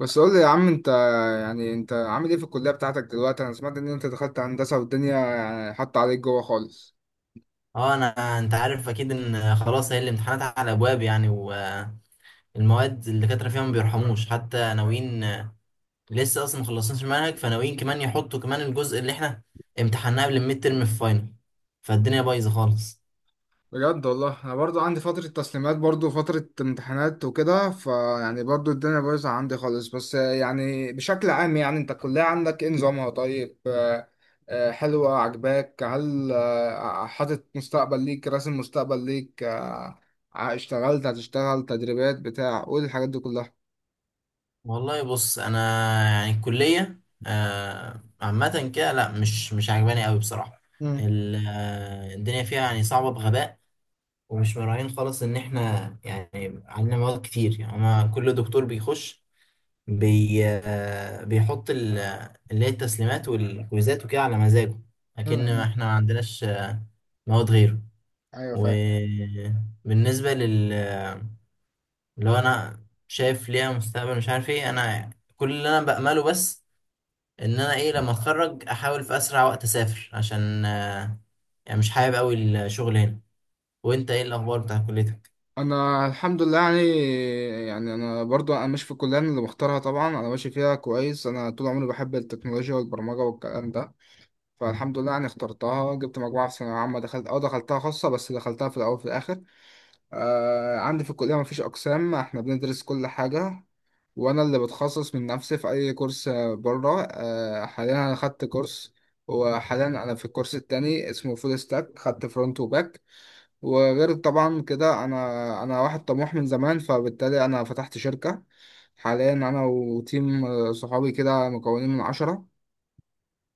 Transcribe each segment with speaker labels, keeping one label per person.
Speaker 1: بس قول لي يا عم انت، انت عامل ايه في الكلية بتاعتك دلوقتي؟ انا سمعت ان انت دخلت هندسة والدنيا حاطة عليك جوه خالص.
Speaker 2: اه انا انت عارف اكيد ان خلاص هي الامتحانات على ابواب والمواد الدكاتره فيها ما بيرحموش، حتى ناويين لسه اصلا ما خلصناش المنهج، فناويين كمان يحطوا كمان الجزء اللي احنا امتحناه قبل الميد ترم في فاينل. فالدنيا بايظه خالص.
Speaker 1: بجد والله انا برضو عندي فترة تسليمات برضو فترة امتحانات وكده، فيعني برضو الدنيا بايظة عندي خالص، بس يعني بشكل عام انت الكلية عندك ايه نظامها؟ طيب حلوة، عجباك؟ هل حاطط مستقبل ليك، راسم مستقبل ليك؟ اشتغلت، هتشتغل، تدريبات، بتاع قول الحاجات دي كلها.
Speaker 2: والله بص انا الكليه عامه كده، لا مش عجباني قوي بصراحه.
Speaker 1: امم
Speaker 2: الدنيا فيها يعني صعبه بغباء، ومش مراعين خالص ان احنا يعني عندنا مواد كتير. يعني أنا كل دكتور بيخش بي آه، بيحط اللي هي التسليمات والكويزات وكده على مزاجه، لكن
Speaker 1: امم
Speaker 2: احنا ما عندناش مواد غيره.
Speaker 1: ايوه فاهم.
Speaker 2: وبالنسبة لل، لو انا شايف ليها مستقبل مش عارف ايه، انا كل اللي انا بأمله بس ان انا ايه لما اتخرج احاول في اسرع وقت اسافر، عشان يعني مش حابب قوي الشغل هنا. وانت ايه الاخبار بتاع كليتك؟
Speaker 1: انا الحمد لله يعني. يعني انا برضو انا ماشي في الكليه، أنا اللي مختارها طبعا، انا ماشي فيها كويس. انا طول عمري بحب التكنولوجيا والبرمجه والكلام ده، فالحمد لله يعني اخترتها، جبت مجموعه في ثانويه عامه، دخلت اه دخلتها خاصه، بس دخلتها في الاول وفي الاخر. آه عندي في الكليه مفيش اقسام، احنا بندرس كل حاجه، وانا اللي بتخصص من نفسي في اي كورس. بره آه حاليا انا خدت كورس، وحاليا انا في الكورس التاني اسمه فول ستاك، خدت فرونت وباك. وغير طبعا كده انا واحد طموح من زمان، فبالتالي انا فتحت شركة. حاليا انا وتيم صحابي كده، مكونين من 10.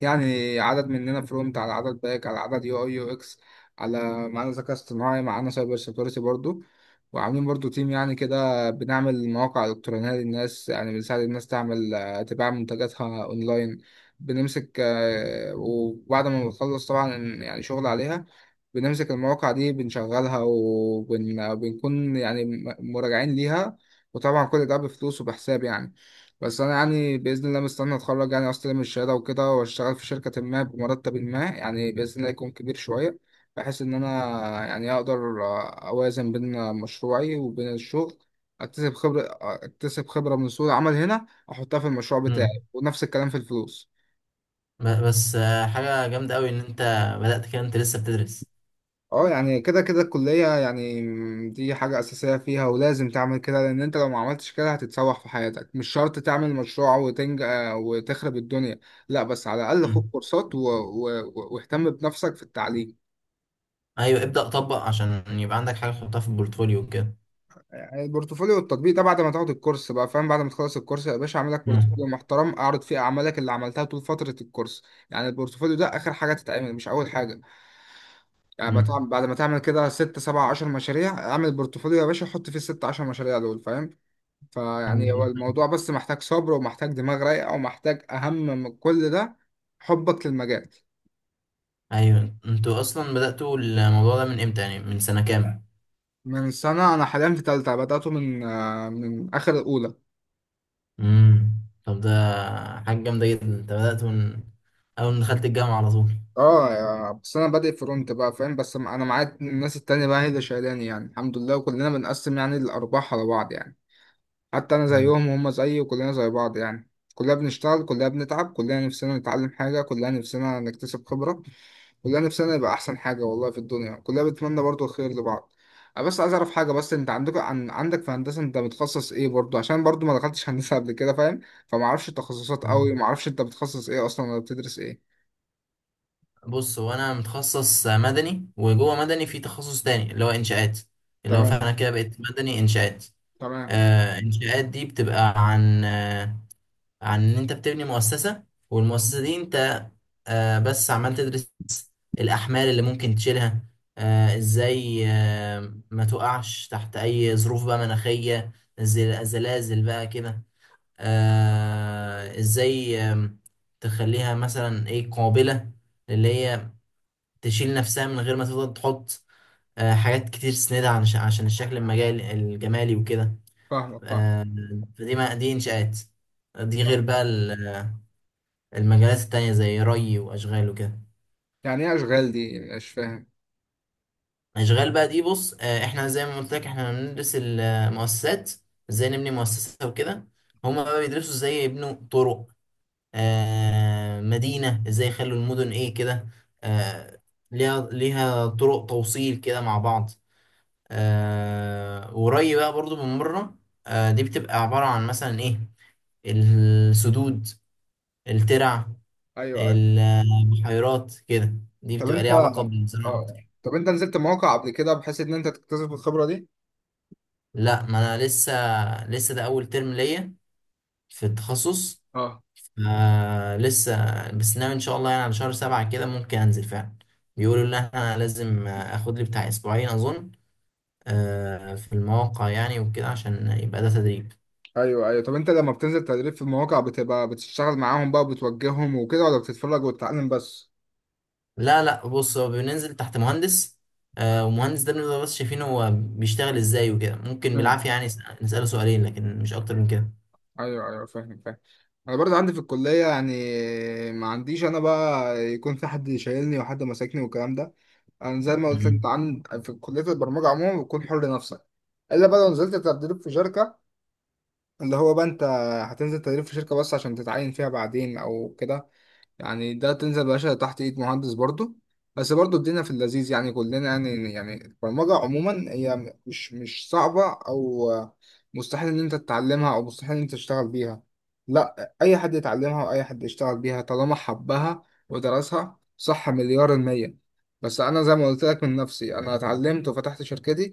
Speaker 1: يعني عدد مننا فرونت، على عدد باك، على عدد يو اي يو اكس، على معانا ذكاء اصطناعي، معانا سايبر سيكيورتي برضو. وعاملين برضو تيم يعني كده، بنعمل مواقع إلكترونية للناس، يعني بنساعد الناس تعمل، تبيع منتجاتها أونلاين. بنمسك آه، وبعد ما بنخلص طبعا يعني شغل عليها، بنمسك المواقع دي، بنشغلها، وبنكون يعني مراجعين ليها. وطبعا كل ده بفلوس وبحساب يعني. بس انا يعني باذن الله مستني اتخرج، يعني استلم الشهاده وكده، واشتغل في شركه ما بمرتب ما، يعني باذن الله يكون كبير شويه، بحيث ان انا يعني اقدر اوازن بين مشروعي وبين الشغل، اكتسب خبره، اكتسب خبره من سوق العمل هنا، احطها في المشروع بتاعي،
Speaker 2: مم.
Speaker 1: ونفس الكلام في الفلوس.
Speaker 2: بس حاجة جامدة قوي ان انت بدأت كده، انت لسه بتدرس.
Speaker 1: اه يعني كده كده الكلية يعني دي حاجة أساسية فيها، ولازم تعمل كده، لأن أنت لو ما عملتش كده هتتسوح في حياتك. مش شرط تعمل مشروع وتنج وتخرب الدنيا، لا بس على الأقل خد كورسات و واهتم بنفسك في التعليم.
Speaker 2: ايوه ابدأ طبق عشان يبقى عندك حاجة تحطها في البورتفوليو كده.
Speaker 1: يعني البورتفوليو والتطبيق ده بعد ما تاخد الكورس بقى فاهم، بعد ما تخلص الكورس يا باشا اعمل لك بورتفوليو
Speaker 2: مم.
Speaker 1: محترم، اعرض فيه أعمالك اللي عملتها طول فترة الكورس. يعني البورتفوليو ده آخر حاجة تتعمل، مش أول حاجة. يعني
Speaker 2: مم.
Speaker 1: بعد ما تعمل كده ست سبع عشر مشاريع، اعمل بورتفوليو يا باشا حط فيه الست عشر مشاريع دول، فاهم؟ فيعني هو
Speaker 2: مم.
Speaker 1: الموضوع بس محتاج صبر، ومحتاج دماغ رايقة، ومحتاج أهم من كل ده حبك للمجال.
Speaker 2: ايوه، انتوا اصلا بدأتوا الموضوع ده من امتى، يعني من سنة كام؟
Speaker 1: من سنة. أنا حاليا في تالتة، بدأته من من آخر الأولى.
Speaker 2: امم. طب ده حاجة جامدة جدا، انت بدأت من اول ما دخلت الجامعة على طول.
Speaker 1: بس أنا بادئ فرونت بقى فاهم، بس أنا معايا الناس التانية بقى هي اللي شايلاني يعني، الحمد لله، وكلنا بنقسم يعني الأرباح على بعض يعني. حتى أنا
Speaker 2: مم.
Speaker 1: زيهم وهم زيي، وكلنا زي بعض، يعني كلنا بنشتغل، كلنا بنتعب، كلنا نفسنا نتعلم حاجة، كلنا نفسنا نكتسب خبرة، كلنا نفسنا يبقى احسن حاجه والله في الدنيا، كلنا بنتمنى برضو الخير لبعض. انا بس عايز اعرف حاجه، بس انت عندك في هندسه انت متخصص ايه؟ برضو عشان برضو ما دخلتش هندسه قبل كده فاهم، فما اعرفش التخصصات
Speaker 2: مم.
Speaker 1: قوي، ما اعرفش انت بتخصص ايه اصلا ولا بتدرس ايه.
Speaker 2: بص هو انا متخصص مدني، وجوه مدني في تخصص تاني اللي هو انشاءات، اللي هو
Speaker 1: تمام.
Speaker 2: فانا كده بقيت مدني انشاءات.
Speaker 1: تمام.
Speaker 2: آه انشاءات دي بتبقى عن ان انت بتبني مؤسسة، والمؤسسة دي انت بس عمال تدرس الاحمال اللي ممكن تشيلها، ازاي ما تقعش تحت اي ظروف بقى مناخية، زلازل بقى كده، ازاي تخليها مثلا ايه قابلة اللي هي تشيل نفسها من غير ما تفضل تحط حاجات كتير تسندها عشان الشكل المجال الجمالي وكده.
Speaker 1: فاهمك. فاهم.
Speaker 2: آه، فدي ما دي انشاءات، دي غير
Speaker 1: فاهم.
Speaker 2: بقى المجالات التانية زي ري وأشغال وكده.
Speaker 1: يعني ايه اشغال دي؟ مش فاهم.
Speaker 2: أشغال بقى دي بص، إحنا زي ما قلت لك إحنا بندرس المؤسسات، إزاي نبني مؤسسة وكده. هما بقى بيدرسوا إزاي يبنوا طرق، مدينة إزاي يخلوا المدن إيه كده، آه، ليها طرق توصيل كده مع بعض. وري بقى برضو من بره، دي بتبقى عبارة عن مثلا إيه، السدود، الترع،
Speaker 1: ايوه، ايوه.
Speaker 2: البحيرات كده. دي
Speaker 1: طب
Speaker 2: بتبقى
Speaker 1: انت،
Speaker 2: ليها علاقة بالزراعة
Speaker 1: اه
Speaker 2: أكتر.
Speaker 1: طب انت نزلت مواقع قبل كده بحيث ان انت تكتسب الخبره دي؟
Speaker 2: لا ما انا لسه، لسه ده اول ترم ليا في التخصص.
Speaker 1: اه.
Speaker 2: آه لسه، بس ناوي ان شاء الله يعني على شهر سبعة كده ممكن انزل فعلا. بيقولوا ان انا لازم اخد لي بتاع اسبوعين اظن، آه في المواقع يعني وكده عشان يبقى ده تدريب.
Speaker 1: ايوه ايوه. طب انت لما بتنزل تدريب في المواقع بتبقى بتشتغل معاهم بقى وبتوجههم وكده، ولا بتتفرج وتتعلم بس؟
Speaker 2: لا لا بص هو بننزل تحت مهندس، آه ومهندس ده بنبقى بس شايفين هو بيشتغل ازاي وكده. ممكن
Speaker 1: مم.
Speaker 2: بالعافية يعني نسأله سؤالين، لكن مش اكتر من كده.
Speaker 1: ايوه ايوه فاهم فاهم. انا برضه عندي في الكليه يعني ما عنديش انا بقى يكون في حد شايلني وحد ماسكني والكلام ده. انا زي ما قلت
Speaker 2: مم.
Speaker 1: انت عن في كليه البرمجه عموما بتكون حر نفسك. الا بقى لو نزلت تدريب في شركه، اللي هو بقى انت هتنزل تدريب في شركه بس عشان تتعين فيها بعدين او كده، يعني ده تنزل باشا تحت ايد مهندس برضه. بس برضه الدنيا في اللذيذ يعني. كلنا يعني، يعني البرمجة عموما هي مش صعبة، او مستحيل ان انت تتعلمها، او مستحيل ان انت تشتغل بيها. لا، اي حد يتعلمها واي حد يشتغل بيها طالما حبها ودرسها صح مليار المية. بس انا زي ما قلت لك من نفسي انا اتعلمت وفتحت شركتي،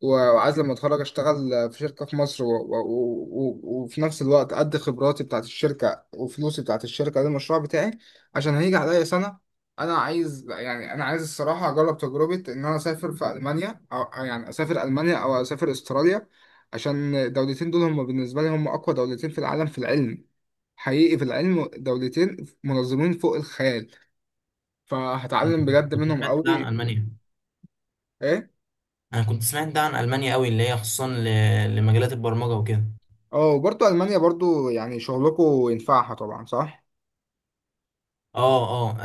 Speaker 1: وعايز لما اتخرج اشتغل في شركة في مصر و وفي نفس الوقت ادي خبراتي بتاعت الشركة وفلوسي بتاعت الشركة للمشروع بتاعي، عشان هيجي عليا سنة. أنا عايز، يعني أنا عايز الصراحة أجرب تجربة إن أنا أسافر في ألمانيا، أو يعني أسافر ألمانيا أو أسافر أستراليا، عشان الدولتين دول هم بالنسبة لي هم أقوى دولتين في العالم في العلم، حقيقي في العلم دولتين منظمين فوق الخيال، فهتعلم بجد
Speaker 2: كنت
Speaker 1: منهم
Speaker 2: سمعت ده عن
Speaker 1: قوي.
Speaker 2: المانيا.
Speaker 1: إيه؟
Speaker 2: انا كنت سمعت ده عن المانيا قوي، اللي هي خصوصا لمجالات البرمجه وكده.
Speaker 1: أه. وبرضه ألمانيا برضه يعني شغلكوا ينفعها طبعا صح؟
Speaker 2: اه. اه.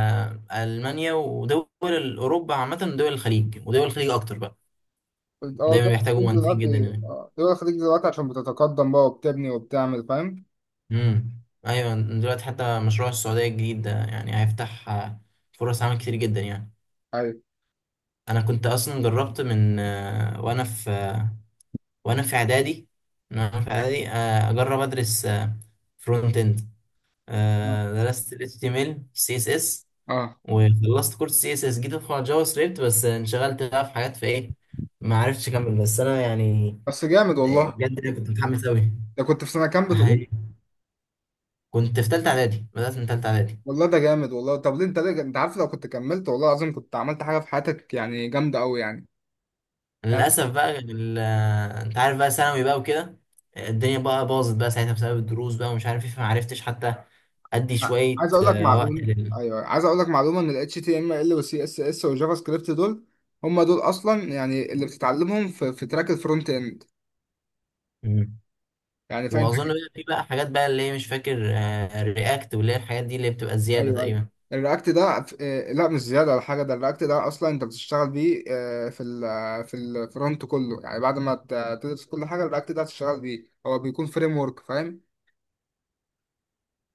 Speaker 2: المانيا ودول اوروبا عامه، ودول الخليج، ودول الخليج اكتر بقى
Speaker 1: قلت أه
Speaker 2: دايما
Speaker 1: دول
Speaker 2: بيحتاجوا
Speaker 1: الخليج
Speaker 2: مهندسين جدا
Speaker 1: دلوقتي،
Speaker 2: هناك.
Speaker 1: أه دول الخليج دلوقتي عشان بتتقدم بقى وبتبني وبتعمل، فاهم؟
Speaker 2: امم. ايوه دلوقتي حتى مشروع السعوديه الجديد ده يعني هيفتح فرص عمل كتير جدا يعني.
Speaker 1: أيوه.
Speaker 2: انا كنت اصلا جربت من وانا في اعدادي، اجرب ادرس فرونت اند.
Speaker 1: أه.
Speaker 2: درست ال HTML، CSS،
Speaker 1: آه.
Speaker 2: وخلصت كورس سي اس اس، جيت ادخل على جافا سكريبت بس انشغلت بقى في حاجات في ايه، ما عرفتش اكمل. بس انا يعني،
Speaker 1: بس جامد
Speaker 2: إيه،
Speaker 1: والله.
Speaker 2: بجد أنا كنت متحمس قوي.
Speaker 1: ده كنت في سنة كام بتقول؟
Speaker 2: كنت في تالتة اعدادي، بدأت من تالتة اعدادي.
Speaker 1: والله ده جامد والله. طب ليه انت، ليه انت عارف لو كنت كملت والله العظيم كنت عملت حاجة في حياتك يعني جامدة قوي يعني. يعني
Speaker 2: للاسف بقى انت عارف بقى ثانوي بقى وكده، الدنيا بقى باظت بقى ساعتها بسبب الدروس بقى ومش عارف ايه، فما عرفتش حتى ادي شوية
Speaker 1: عايز اقول لك
Speaker 2: وقت
Speaker 1: معلومة.
Speaker 2: لل.
Speaker 1: ايوه عايز اقول لك معلومة ان ال HTML وال CSS والجافا سكريبت دول هم دول اصلا يعني اللي بتتعلمهم في, في تراك الفرونت اند.
Speaker 2: مم.
Speaker 1: يعني فانت.
Speaker 2: واظن بقى في بقى حاجات بقى اللي هي مش فاكر، رياكت واللي هي الحاجات دي اللي بتبقى زيادة
Speaker 1: ايوه ايوه.
Speaker 2: تقريبا.
Speaker 1: الرياكت ده لا مش زيادة ولا حاجة، ده الرياكت ده اصلا انت بتشتغل بيه آه، في ال آه، في الفرونت كله، يعني بعد ما تدرس كل حاجة الرياكت ده هتشتغل بيه، هو بيكون فريم ورك فاهم،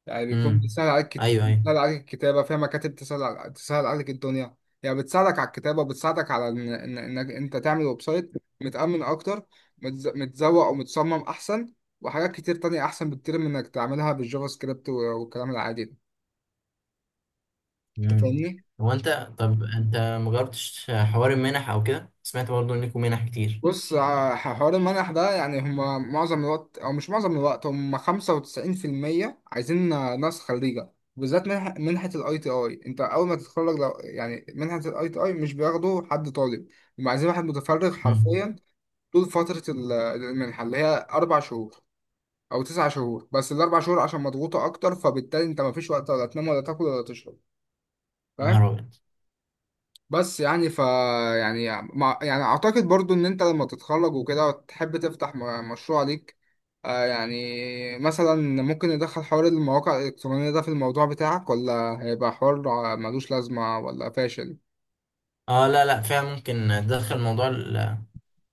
Speaker 1: يعني بيكون
Speaker 2: امم.
Speaker 1: بتسهل عليك
Speaker 2: ايوه ايوه.
Speaker 1: بتسهل عليك الكتابة فيها، مكاتب تسهل تسهل عليك الدنيا. يعني بتساعدك على الكتابة وبتساعدك على إنك أنت تعمل ويب سايت متأمن أكتر، متزوق ومتصمم أحسن، وحاجات كتير تانية أحسن بكتير من إنك تعملها بالجافا سكريبت والكلام العادي ده. أنت
Speaker 2: مم.
Speaker 1: فاهمني؟
Speaker 2: هو انت، طب انت مجربتش حوار المنح او كده؟ سمعت برضه انكم منح كتير.
Speaker 1: بص، حوار المنح ده يعني هما معظم الوقت، او مش معظم الوقت، هما 95% عايزين ناس خريجة، بالذات منحة الاي تي اي. انت اول ما تتخرج لو، يعني منحة الاي تي اي مش بياخدوا حد طالب، هما عايزين واحد متفرغ
Speaker 2: مم.
Speaker 1: حرفيا طول فترة المنحة اللي هي 4 شهور او 9 شهور، بس ال4 شهور عشان مضغوطة اكتر، فبالتالي انت مفيش وقت ولا تنام ولا تاكل ولا تشرب، فاهم؟
Speaker 2: نهار ابيض.
Speaker 1: بس يعني ف، يعني اعتقد برضو ان انت لما تتخرج وكده وتحب تفتح مشروع ليك، يعني مثلا ممكن ندخل حوار المواقع الالكترونية ده في الموضوع بتاعك، ولا هيبقى حوار ملوش لازمة ولا فاشل؟
Speaker 2: اه لا لا فعلا ممكن تدخل موضوع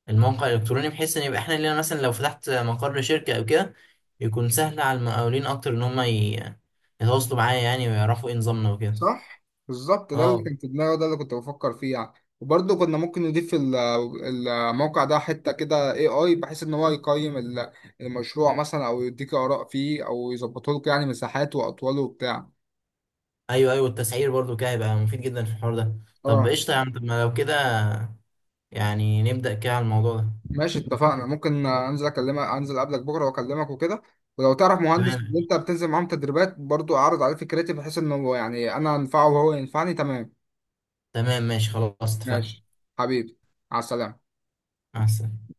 Speaker 2: الموقع الالكتروني، بحيث ان يبقى احنا لينا، مثلا لو فتحت مقر شركه او كده، يكون سهل على المقاولين اكتر ان هم يتواصلوا معايا، يعني ويعرفوا ايه نظامنا وكده.
Speaker 1: صح. بالظبط، ده اللي
Speaker 2: اه.
Speaker 1: كان في دماغي، ده اللي كنت بفكر فيه يعني. وبرضه كنا ممكن نضيف الموقع ده حتة كده AI، بحيث إن هو يقيم المشروع مثلا، أو يديك آراء فيه، أو يظبطه لك يعني مساحاته وأطواله وبتاع.
Speaker 2: ايوه ايوه، التسعير برضو كده هيبقى مفيد جدا في الحوار ده. طب قشطه يا عم، طب ما لو كده يعني نبدا كده على الموضوع ده.
Speaker 1: ماشي، اتفقنا. ممكن انزل اكلمك، انزل قبلك بكره واكلمك وكده، ولو تعرف مهندس اللي
Speaker 2: تمام
Speaker 1: انت بتنزل معاهم تدريبات برضو اعرض عليه فكرتي، بحيث انه يعني انا انفعه وهو ينفعني. تمام،
Speaker 2: تمام ماشي خلاص اتفقنا.
Speaker 1: ماشي. حبيبي، مع السلامه.
Speaker 2: مع السلامه.